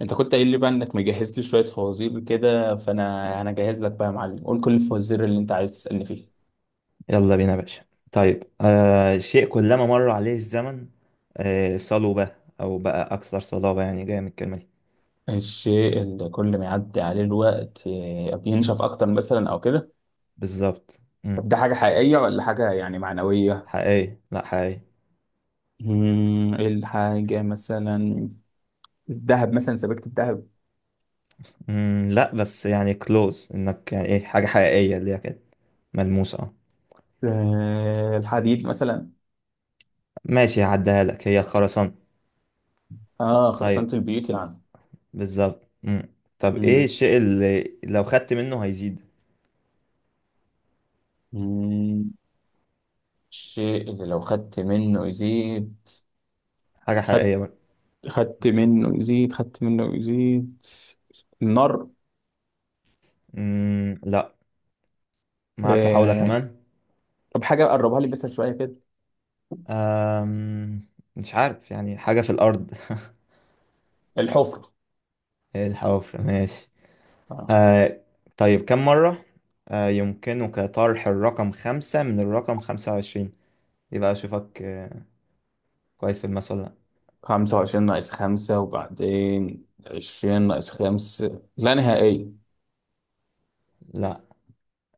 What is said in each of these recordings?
انت كنت قايل لي بقى انك مجهز لي شويه فوازير كده، فانا جاهز لك بقى يا معلم. قول كل الفوازير اللي انت عايز تسالني فيه. يلا بينا يا باشا. طيب، شيء كلما مر عليه الزمن. آه، صلب او بقى اكثر صلابة، يعني جاية من الكلمة دي. الشيء اللي كل ما يعدي عليه الوقت بينشف اكتر مثلا او كده. بالظبط. مم. طب ده حاجه حقيقيه ولا حاجه يعني معنويه؟ حقيقي، لا حقيقي. ايه الحاجه مثلا؟ الذهب مثلا، سبيكه الذهب. مم. لا، بس يعني كلوز انك يعني ايه حاجة حقيقية اللي هي كده، ملموسة. اه، الحديد مثلا. ماشي، هعديها لك، هي الخرسانة. اه، طيب. خرسانه البيوت يعني. بالظبط. مم. طب ايه امم الشيء اللي لو خدت منه هيزيد؟ الشيء اللي لو خدت منه يزيد. حاجة حقيقية خدت برضه. خدت منه يزيد، خدت منه يزيد. النار. مم، لا، معاك محاولة آه. كمان. طب حاجة قربها لي بس شوية كده. أم... مش عارف، يعني حاجة في الأرض الحفرة. الحفر، ماشي. آه. آه طيب، كم مرة يمكنك طرح الرقم 5 من الرقم 25؟ يبقى أشوفك كويس في الماس ولا لأ. 25 ناقص 5، وبعدين 20 ناقص 5، لا نهائية. لأ،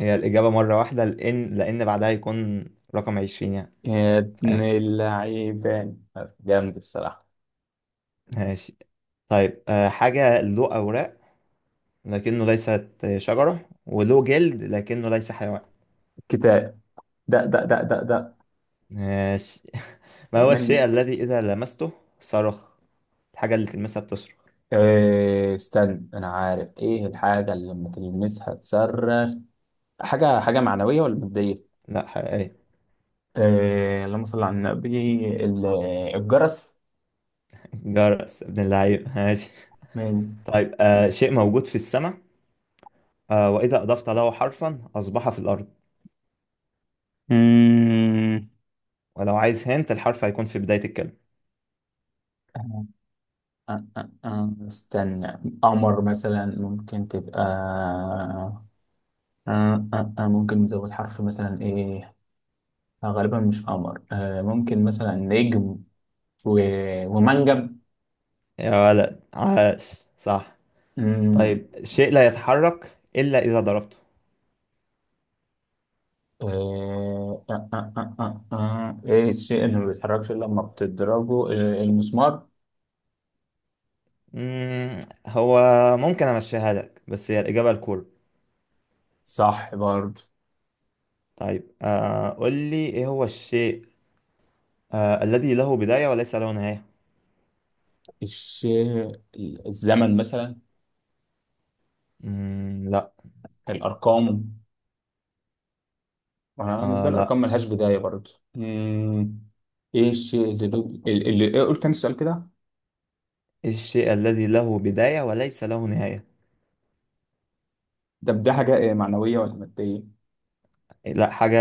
هي الإجابة مرة واحدة، لأن بعدها يكون رقم 20 يعني. يا ابن فاهم؟ اللعيبة! جامد الصراحة. ماشي. طيب، حاجة له أوراق لكنه ليست شجرة، وله جلد لكنه ليس حيوان. كتاب. ده ده ده ده ده! ماشي ما هو الشيء منك. الذي إذا لمسته صرخ؟ الحاجة اللي تلمسها بتصرخ. إيه، استنى، انا عارف ايه الحاجة اللي لما تلمسها تصرخ. حاجة معنوية ولا مادية؟ لا، حقيقية. إيه، اللهم صل على النبي. ال- الجرس. جرس ابن اللعيب، ماشي. من. طيب، شيء موجود في السماء وإذا أضفت له حرفا أصبح في الأرض. مم. ولو عايز هنت، الحرف هيكون في بداية الكلمة. آه، استنى، قمر مثلا ممكن تبقى. ممكن نزود حرف مثلا، ايه؟ غالبا مش قمر. ممكن مثلا نجم و... ومنجم. يا ولد عاش، صح. مم. طيب، شيء لا يتحرك إلا إذا ضربته. ايه الشيء اللي ما بيتحركش الا لما بتضربه؟ المسمار. هو ممكن أمشيها لك، بس هي الإجابة الكورة. صح برضه. طيب، قول لي إيه هو الشيء الذي له بداية وليس له نهاية. الشيء. الزمن مثلا. مم، لا. الارقام. أنا بالنسبة آه، لي لا. الأرقام ملهاش بداية برضه. مم. إيه الشيء اللي لو. إيه، قلت تاني السؤال كده؟ إيه الشيء الذي له بداية وليس له نهاية؟ ده حاجة، إيه معنوية ولا مادية؟ لا، حاجة،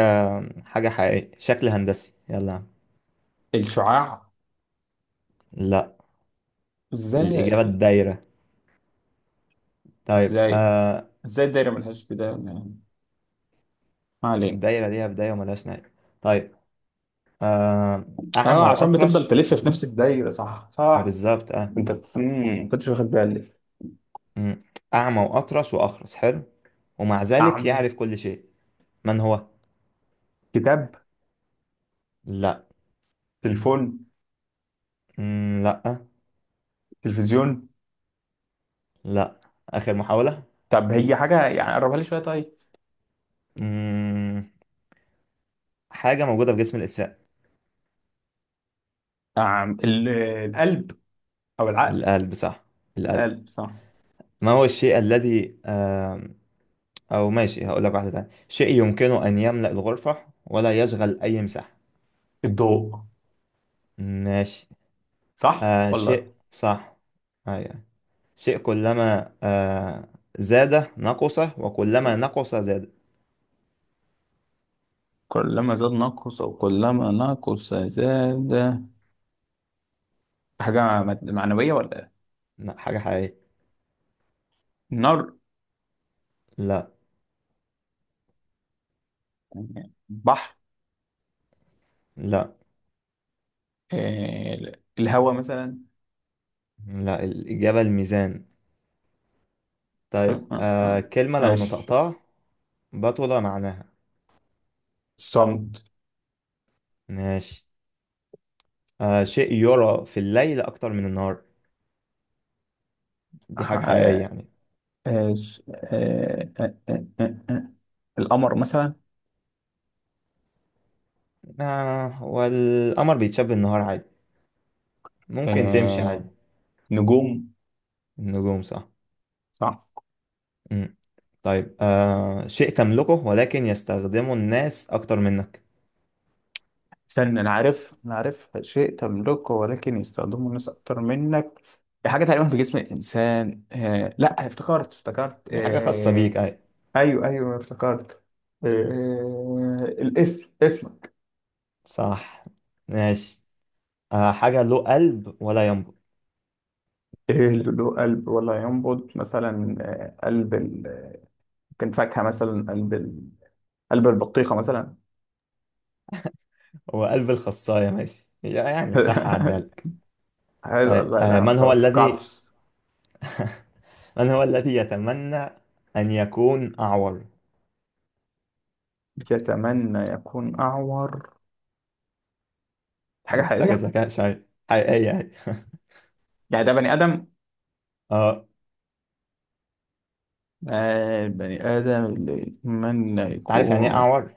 حاجة حقيقية، شكل هندسي، يلا يا عم. الشعاع. لا، الإجابة إزاي؟ الدايرة. طيب، إزاي إزاي الدايرة ملهاش بداية يعني؟ ما علينا. الدايرة ليها بداية وملهاش نهاية. طيب، آه أعمى عشان بتفضل وأطرش. تلف في نفس الدايرة. صح، ما صح. بالظبط، آه. أنت ما كنتش واخد بالي. مم. أعمى وأطرش وأخرس، حلو، ومع ذلك أعمل. يعرف كل شيء. من هو؟ كتاب. لا. تليفون. مم، لا. تلفزيون. لا، آخر محاولة. طب، هي حاجة يعني؟ قربها لي شوية طيب. مم. حاجة موجودة في جسم الإنسان. القلب. أو العقل. القلب، صح. القلب. القلب، صح. ما هو الشيء الذي أو ماشي، هقول لك واحدة تانية. شيء يمكنه أن يملأ الغرفة ولا يشغل أي مساحة. الضوء. ماشي. صح ولا؟ شيء، صح. أيوة. شيء كلما زاد نقص، وكلما نقص زاد. كلما زاد نقص، أو كلما نقص زاد. حاجة معنوية ولا إيه؟ لا، حاجة حقيقية. نار. لا. يعني بحر. لا. آه، الهواء مثلا. لا، الإجابة الميزان. آه، طيب، آه، آه. كلمة لو ماشي. نطقتها بطل معناها. الصمت. ماشي. شيء يرى في الليل أكتر من النهار، دي آه، حاجة حقيقية آه، يعني. آه، آه، آه، آه. آه، آه. القمر مثلا. آه، والقمر بيتشاب النهار عادي، ممكن تمشي عادي. آه، نجوم. النجوم، صح. صح. مم. طيب، شيء تملكه ولكن يستخدمه الناس أكتر منك. استنى، انا عارف انا عارف، شيء تملكه ولكن يستخدمه الناس اكتر منك. دي حاجه تقريبا في جسم الانسان. لا، افتكرت افتكرت. هي حاجة خاصة بيك، أي. ايوه، ايوه، افتكرت. الاسم، اسم. صح، ماشي. حاجة له قلب ولا ينبض. له قلب ولا ينبض مثلا. قلب كان فاكهه مثلا، قلب قلب البطيخه مثلا. هو قلب الخصاية، ماشي يعني صح، عدها لك. حلو طيب، والله، ده ما من هو توقعتش. الذي من هو الذي يتمنى أن يكون أعور؟ يتمنى يكون اعور. حاجه دي محتاجة حقيقيه؟ ذكاء شوية، حقيقية، أي يعني ده بني ادم؟ اه. البني آدم اللي يتمنى أنت عارف يعني إيه يكون. أعور؟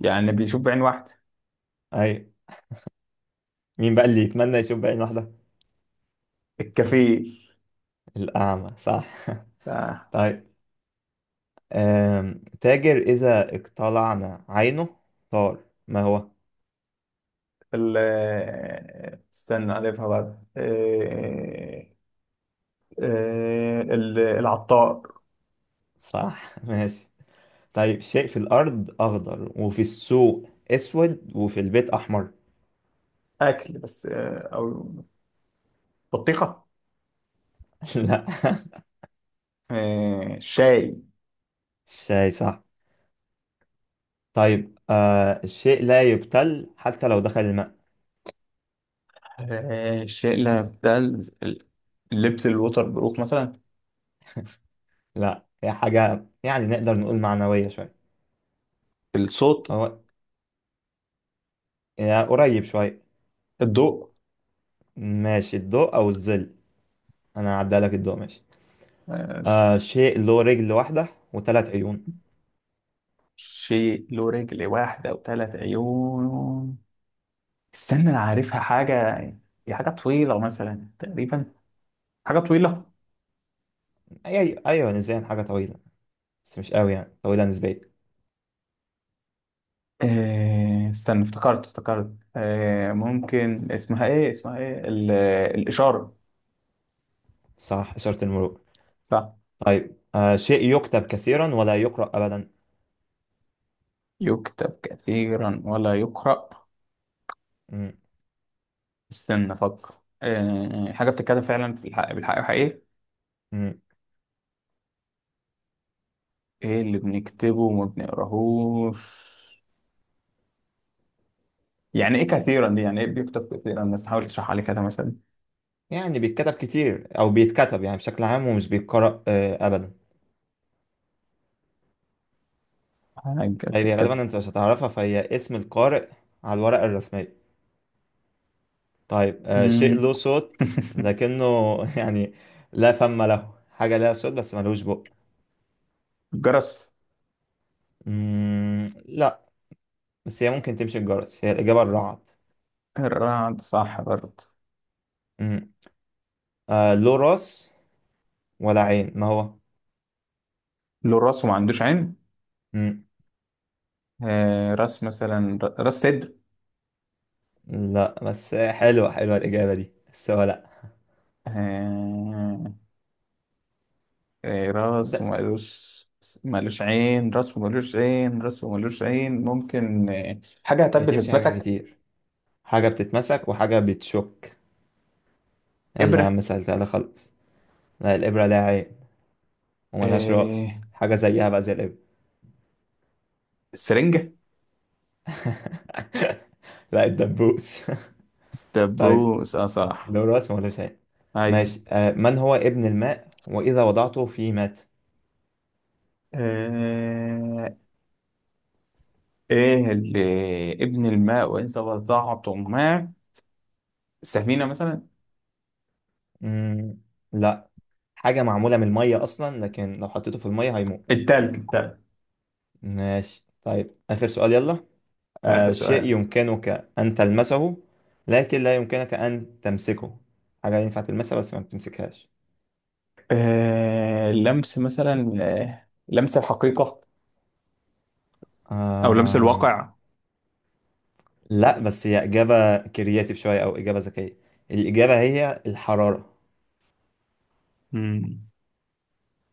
يعني بيشوف بعين واحدة. أي. مين بقى اللي يتمنى يشوف بعين واحدة؟ الكفيل. الأعمى، صح آه. طيب، تاجر إذا اقتلعنا عينه طار، ما هو؟ ال آه، استنى ألفها بعد العطار. صح ماشي. طيب، شيء في الأرض أخضر، وفي السوق أسود، وفي البيت أحمر. أكل بس أو. بطيخة. لا. الشاي. شيء، صح. طيب، الشيء لا يبتل حتى لو دخل الماء. الشاي، لا، بتاع اللبس الوتر بروف مثلا. لا، هي حاجة يعني نقدر نقول معنوية شوية. الصوت. هو، يا قريب شوية. الضوء. ماشي، الضوء أو الظل. أنا هعدي لك الضوء، ماشي. آه شيء له رجل واحدة وثلاث عيون. شيء له رجل واحدة وثلاث عيون. استنى، انا عارفها حاجة. دي حاجة طويلة مثلا تقريبا. حاجة طويلة. أي أيوة، نسبيا حاجة طويلة، بس مش قوي يعني، طويلة نسبيا. استنى، افتكرت افتكرت. ممكن اسمها ايه، اسمها ايه الإشارة. صح، إشارة المرور. صح. طيب، شيء يكتب كثيرا ولا يقرأ أبدا. يكتب كثيرا ولا يقرأ. استنى افكر. حاجة بتتكلم فعلا في الحق، بالحق وحقيقي. مم. ايه اللي بنكتبه وما بنقراهوش؟ يعني ايه كثيرا دي؟ يعني ايه بيكتب كثيرا؟ بس حاول تشرح عليه كده مثلا. يعني بيتكتب كتير او بيتكتب يعني بشكل عام، ومش بيتقرأ ابدا. حاجة طيب، هي بتتكتب. غالبا انت مش هتعرفها، فهي اسم القارئ على الورقة الرسمية. طيب، شيء مم. له صوت لكنه يعني لا فم له، حاجة لها صوت بس ملوش بق. جرس. مم، لا. بس هي ممكن تمشي الجرس، هي الإجابة الرعد. الرعد، صح برضه. مم، له راس ولا عين، ما هو؟ لو الراس ما عندوش عين. مم، راس مثلا، راس صدر. لا، بس حلوة حلوة الإجابة دي، بس هو لا. آه. راس ده، ومالوش. مالوش عين، راس ومالوش عين، راس ومالوش عين، ممكن حاجة طب هي تمشي حاجة بتتمسك؟ كتير، حاجة بتتمسك وحاجة بتشك. يلا يا إبرة. عم سألتها لك، خلاص. لا، الإبرة لها عين وملهاش رأس. آه حاجة زيها بقى زي الإبرة. سرنجة. لا، الدبوس طيب، دبوس، اه، صح. له رأس وملوش عين، أيوة. ماشي. من هو ابن الماء وإذا وضعته فيه مات؟ آه ايه اللي. ابن الماء وإن تبضعتم ما. سفينة مثلا. مم، لا، حاجة معمولة من المية أصلا لكن لو حطيته في المية هيموت. التلج، التلج! ماشي، طيب، آخر سؤال، يلا. آخر شيء سؤال؟ يمكنك أن تلمسه لكن لا يمكنك أن تمسكه. حاجة ينفع تلمسها، بس ما بتمسكهاش. لمس مثلا، لمس الحقيقة. أو لمس آم، الواقع. لا، بس هي إجابة كرياتيف شوية أو إجابة ذكية، الإجابة هي الحرارة. مم.